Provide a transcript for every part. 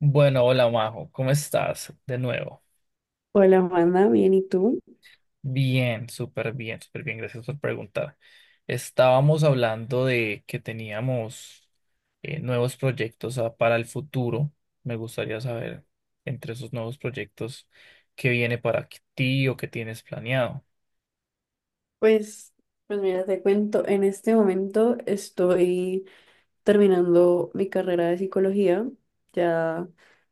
Bueno, hola Majo, ¿cómo estás? De nuevo. Hola, Juana, bien, ¿y tú? Bien, súper bien, súper bien, gracias por preguntar. Estábamos hablando de que teníamos nuevos proyectos para el futuro. Me gustaría saber entre esos nuevos proyectos qué viene para ti o qué tienes planeado. Pues, pues mira, te cuento, en este momento estoy terminando mi carrera de psicología, ya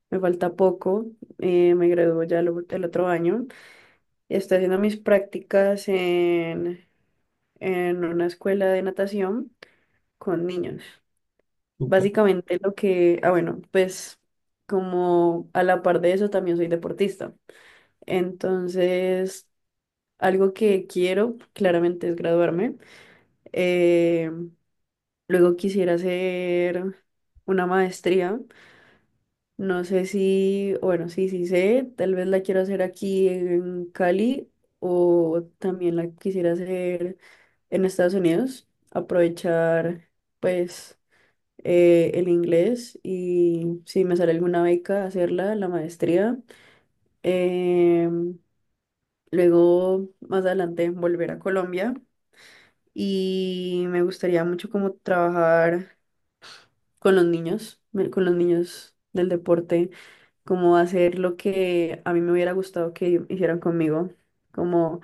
me falta poco, me gradúo ya el otro año, estoy haciendo mis prácticas en una escuela de natación con niños. Básicamente lo que como a la par de eso también soy deportista, entonces algo que quiero claramente es graduarme. Eh, Luego quisiera hacer una maestría. No sé si, bueno, sí, sí sé, tal vez la quiero hacer aquí en Cali o también la quisiera hacer en Estados Unidos. Aprovechar, pues, el inglés y si me sale alguna beca, hacerla, la maestría. Em, Luego, más adelante, volver a Colombia y me gustaría mucho como trabajar con los con los niños del deporte, como hacer lo que a mí me hubiera gustado que hicieran conmigo, como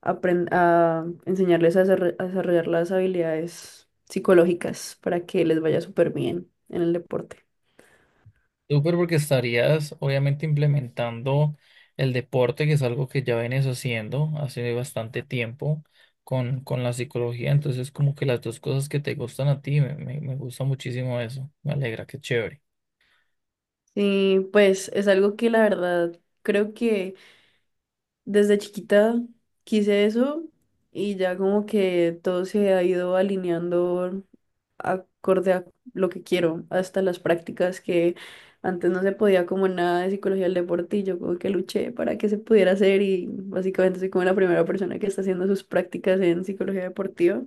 apren- a enseñarles a desarrollar las habilidades psicológicas para que les vaya súper bien en el deporte. Súper porque estarías obviamente implementando el deporte, que es algo que ya vienes haciendo hace bastante tiempo con la psicología. Entonces, como que las dos cosas que te gustan a ti, me gusta muchísimo eso. Me alegra, qué chévere. Sí, pues es algo que la verdad creo que desde chiquita quise eso y ya como que todo se ha ido alineando acorde a lo que quiero, hasta las prácticas que antes no se podía como nada de psicología del deporte y yo como que luché para que se pudiera hacer y básicamente soy como la primera persona que está haciendo sus prácticas en psicología deportiva.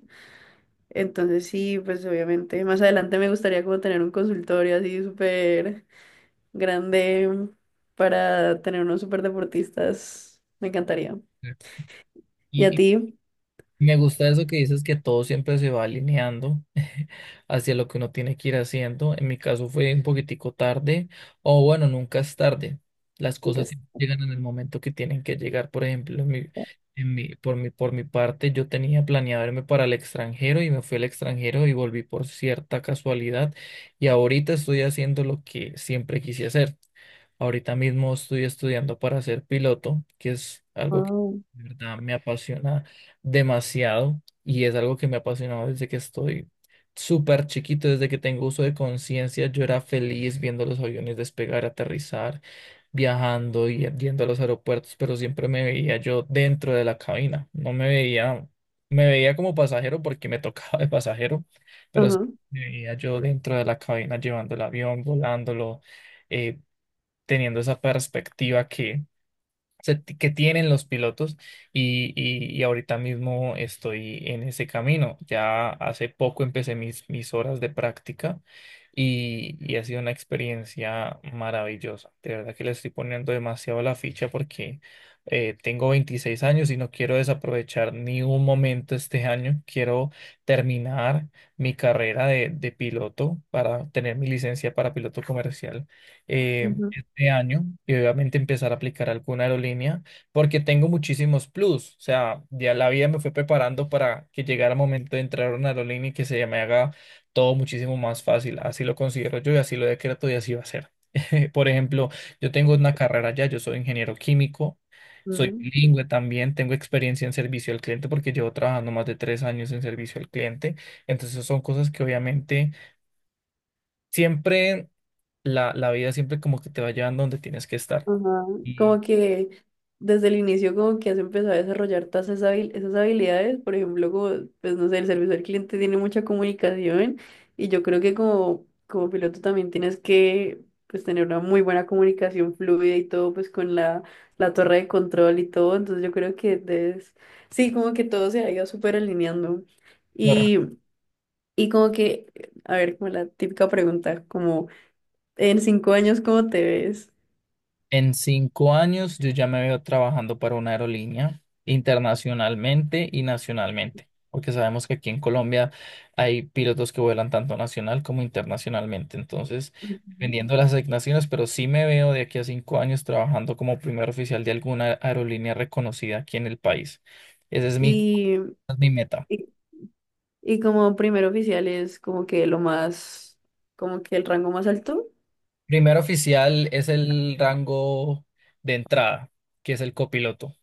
Entonces sí, pues obviamente más adelante me gustaría como tener un consultorio así súper grande para tener unos súper deportistas. Me encantaría. Sí. ¿Y a Y, ti? me gusta eso que dices que todo siempre se va alineando hacia lo que uno tiene que ir haciendo. En mi caso fue un poquitico tarde, o bueno, nunca es tarde. Las Me cosas encanta. siempre llegan en el momento que tienen que llegar. Por ejemplo, en mi- por mi, por mi parte, yo tenía planeado irme para el extranjero y me fui al extranjero y volví por cierta casualidad. Y ahorita estoy haciendo lo que siempre quise hacer. Ahorita mismo estoy estudiando para ser piloto, que es algo que Wow. de verdad me apasiona demasiado y es algo que me ha apasionado desde que estoy súper chiquito, desde que tengo uso de conciencia. Yo era feliz viendo los aviones despegar, aterrizar, viajando y yendo a los aeropuertos, pero siempre me veía yo dentro de la cabina. No me veía, me veía como pasajero porque me tocaba de pasajero, pero Ajá. sí me veía yo dentro de la cabina llevando el avión, volándolo, eh, teniendo esa perspectiva que que tienen los pilotos y ahorita mismo estoy en ese camino. Ya hace poco empecé mis horas de práctica y ha sido una experiencia maravillosa. De verdad que le estoy poniendo demasiado la ficha porque tengo 26 años y no quiero desaprovechar ni un momento este año. Quiero terminar mi carrera de piloto para tener mi licencia para piloto comercial. eh, Ujú. de año y obviamente empezar a aplicar alguna aerolínea porque tengo muchísimos plus. O sea, ya la vida me fue preparando para que llegara el momento de entrar a una aerolínea y que se me haga todo muchísimo más fácil. Así lo considero yo y así lo decreto y así va a ser. Por ejemplo, yo tengo una carrera ya, yo soy ingeniero químico. Soy bilingüe también, tengo experiencia en servicio al cliente porque llevo trabajando más de 3 años en servicio al cliente. Entonces son cosas que obviamente siempre la vida siempre como que te va llevando donde tienes que estar. Ajá. Como Y que desde el inicio como que has empezado a desarrollar todas esas habilidades, por ejemplo, como, pues no sé, el servicio al cliente tiene mucha comunicación y yo creo que como piloto también tienes que pues tener una muy buena comunicación fluida y todo pues con la torre de control y todo, entonces yo creo que debes, sí, como que todo se ha ido súper alineando corre- y, y como que, a ver, como la típica pregunta, como en 5 años, ¿cómo te ves? en cinco años yo ya me veo trabajando para una aerolínea internacionalmente y nacionalmente, porque sabemos que aquí en Colombia hay pilotos que vuelan tanto nacional como internacionalmente. Entonces, Ujú. dependiendo de las asignaciones, pero sí me veo de aquí a cinco años trabajando como primer oficial de alguna aerolínea reconocida aquí en el país. Esa Y, es mi meta. y y como primer oficial es como que lo más, como que el rango más alto. Primer oficial es el rango de entrada, que es el copiloto.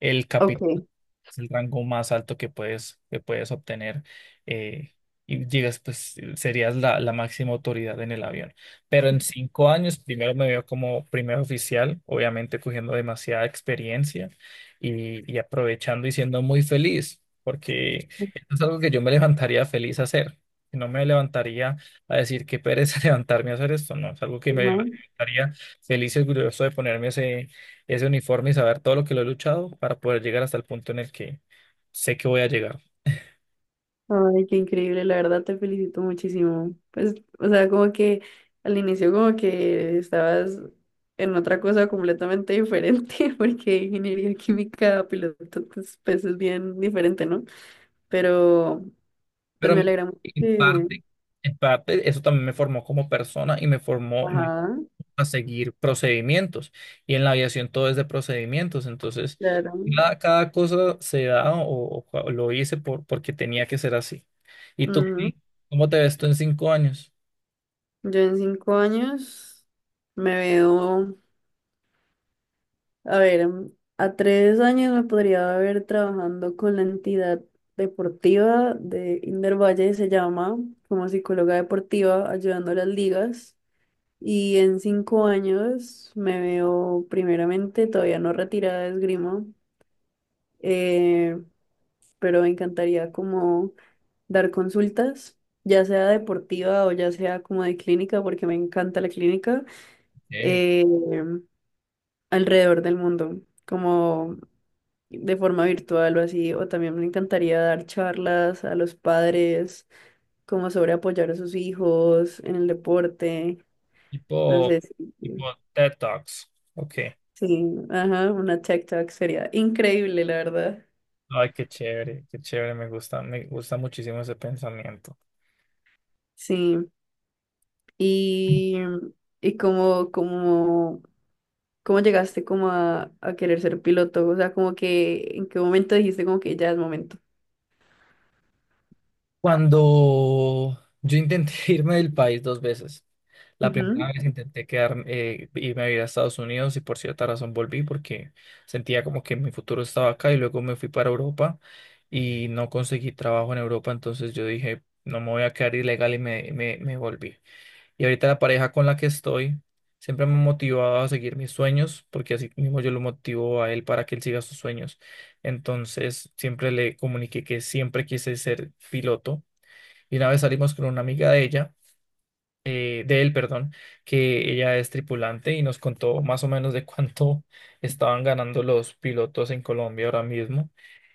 El capitán Ok. es el rango más alto que puedes obtener eh, y llegas, pues serías la máxima autoridad en el avión. Pero en cinco años, primero me veo como primer oficial, obviamente cogiendo demasiada experiencia y aprovechando y siendo muy feliz, porque esto es algo que yo me levantaría feliz a hacer. No me levantaría a decir qué pereza levantarme a hacer esto, no, es algo que me Ujú. levantaría feliz y orgulloso de ponerme ese uniforme y saber todo lo que lo he luchado para poder llegar hasta el punto en el que sé que voy a llegar. Ay, qué increíble, la verdad te felicito muchísimo. Pues, o sea, como que al inicio como que estabas en otra cosa completamente diferente, porque ingeniería química, piloto, pues, pues es bien diferente, ¿no? Pero, pues Pero me en alegra mucho en que, parte, en parte, eso también me formó como persona y ajá, a seguir procedimientos. Y en la aviación todo es de procedimientos. Entonces, claro. Cada cosa se da o lo hice porque tenía que ser así. ¿Y tú, Ujú. Pi, cómo te ves tú en cinco años? Yo en cinco años me veo a ver, mm, a 3 años me podría haber trabajando con la entidad deportiva de Inder Valle, se llama, como psicóloga deportiva, ayudando a las ligas. Y en 5 años me veo primeramente todavía no retirada de esgrima, eh, pero me encantaría como dar consultas, ya sea deportiva o ya sea como de clínica, porque me encanta la clínica, Ok. eh, alrededor del mundo. Como de forma virtual o así, o también me encantaría dar charlas a los padres como sobre apoyar a sus hijos en el deporte, no Tipo, sé, tipo TED Talks. Ok. sí, ajá, una tech talk sería increíble, la verdad. Ay, qué chévere, me gusta muchísimo ese pensamiento. Sí, y, y cómo llegaste como a querer ser piloto, o sea, como que en qué momento dijiste como que ya es momento. Cuando yo intenté irme del país dos veces, la primera Ujú, vez intenté quedarme, irme a vivir a Estados Unidos y por cierta razón volví porque sentía como que mi futuro estaba acá y luego me fui para Europa y no conseguí trabajo en Europa, entonces yo dije, no me voy a quedar ilegal y me volví. Y ahorita la pareja con la que estoy siempre me ha motivado a seguir mis sueños, porque así mismo yo lo motivo a él para que él siga sus sueños. Entonces siempre le comuniqué que siempre quise ser piloto. Y una vez salimos con una amiga de ella, de él, perdón, que ella es tripulante y nos contó más o menos de cuánto estaban ganando los pilotos en Colombia ahora mismo.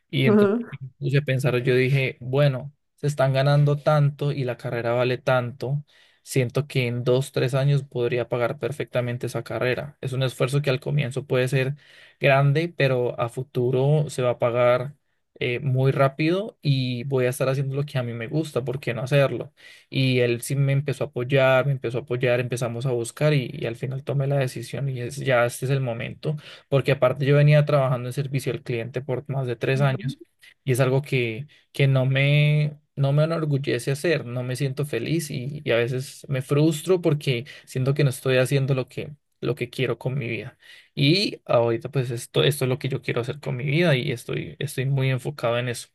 Y entonces ujú, me puse a pensar, yo dije, bueno, se están ganando tanto y la carrera vale tanto. Siento que en dos, 3 años podría pagar perfectamente esa carrera. Es un esfuerzo que al comienzo puede ser grande, pero a futuro se va a pagar muy rápido y voy a estar haciendo lo que a mí me gusta, ¿por qué no hacerlo? Y él sí me empezó a apoyar, me empezó a apoyar, empezamos a buscar y al final tomé la decisión y es, ya este es el momento porque aparte yo venía trabajando en servicio al cliente por más de tres ujú, años y es algo que no me, no me enorgullece hacer, no me siento feliz y a veces me frustro porque siento que no estoy haciendo lo que quiero con mi vida. Y ahorita pues esto es lo que yo quiero hacer con mi vida y estoy, estoy muy enfocado en eso.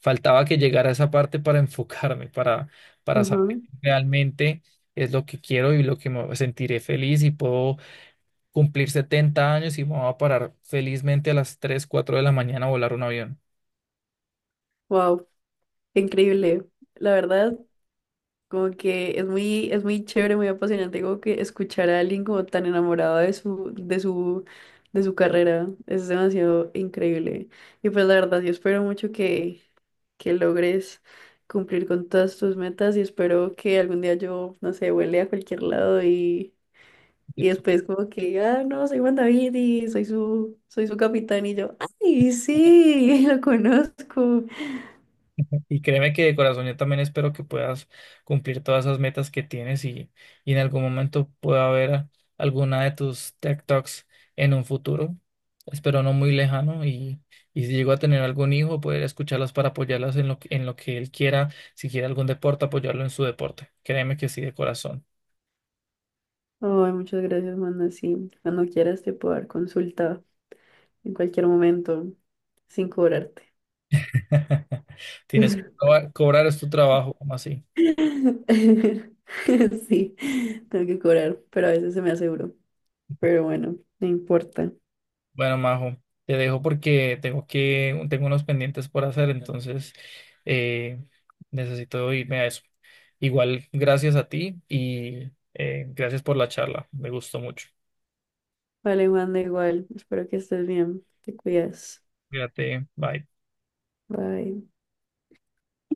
Faltaba que llegara a esa parte para enfocarme, para saber ujú. realmente es lo que quiero y lo que me sentiré feliz y puedo cumplir 70 años y vamos a parar felizmente a las 3 4 de la mañana a volar un avión. Wow, qué increíble. La verdad, como que es es muy chévere, muy apasionante, como que escuchar a alguien como tan enamorado de de su carrera. Es demasiado increíble. Y pues la verdad, yo espero mucho que logres cumplir con todas tus metas y espero que algún día yo, no sé, vuele a cualquier lado y después como que, ah, no, soy Juan David y soy soy su capitán y yo, ay, sí, lo conozco. Y créeme que de corazón yo también espero que puedas cumplir todas esas metas que tienes y en algún momento pueda haber alguna de tus tech Talks en un futuro. Espero no muy lejano y si llego a tener algún hijo, poder escucharlas para apoyarlas en en lo que él quiera, si quiere algún deporte, apoyarlo en su deporte. Créeme que sí, de corazón. Ay, muchas gracias, Manda. Sí, cuando quieras te puedo dar consulta en cualquier momento, sin cobrarte. Tienes que cobrar, es tu trabajo, como así. Sí, tengo que cobrar, pero a veces se me hace duro. Pero bueno, no importa. Bueno, Majo, te dejo porque tengo que, tengo unos pendientes por hacer, entonces eh, necesito irme a eso. Igual, gracias a ti y gracias por la charla. Me gustó mucho. Vale, Juan, da igual. Espero que estés bien. Te cuidas. Cuídate, bye. Bye.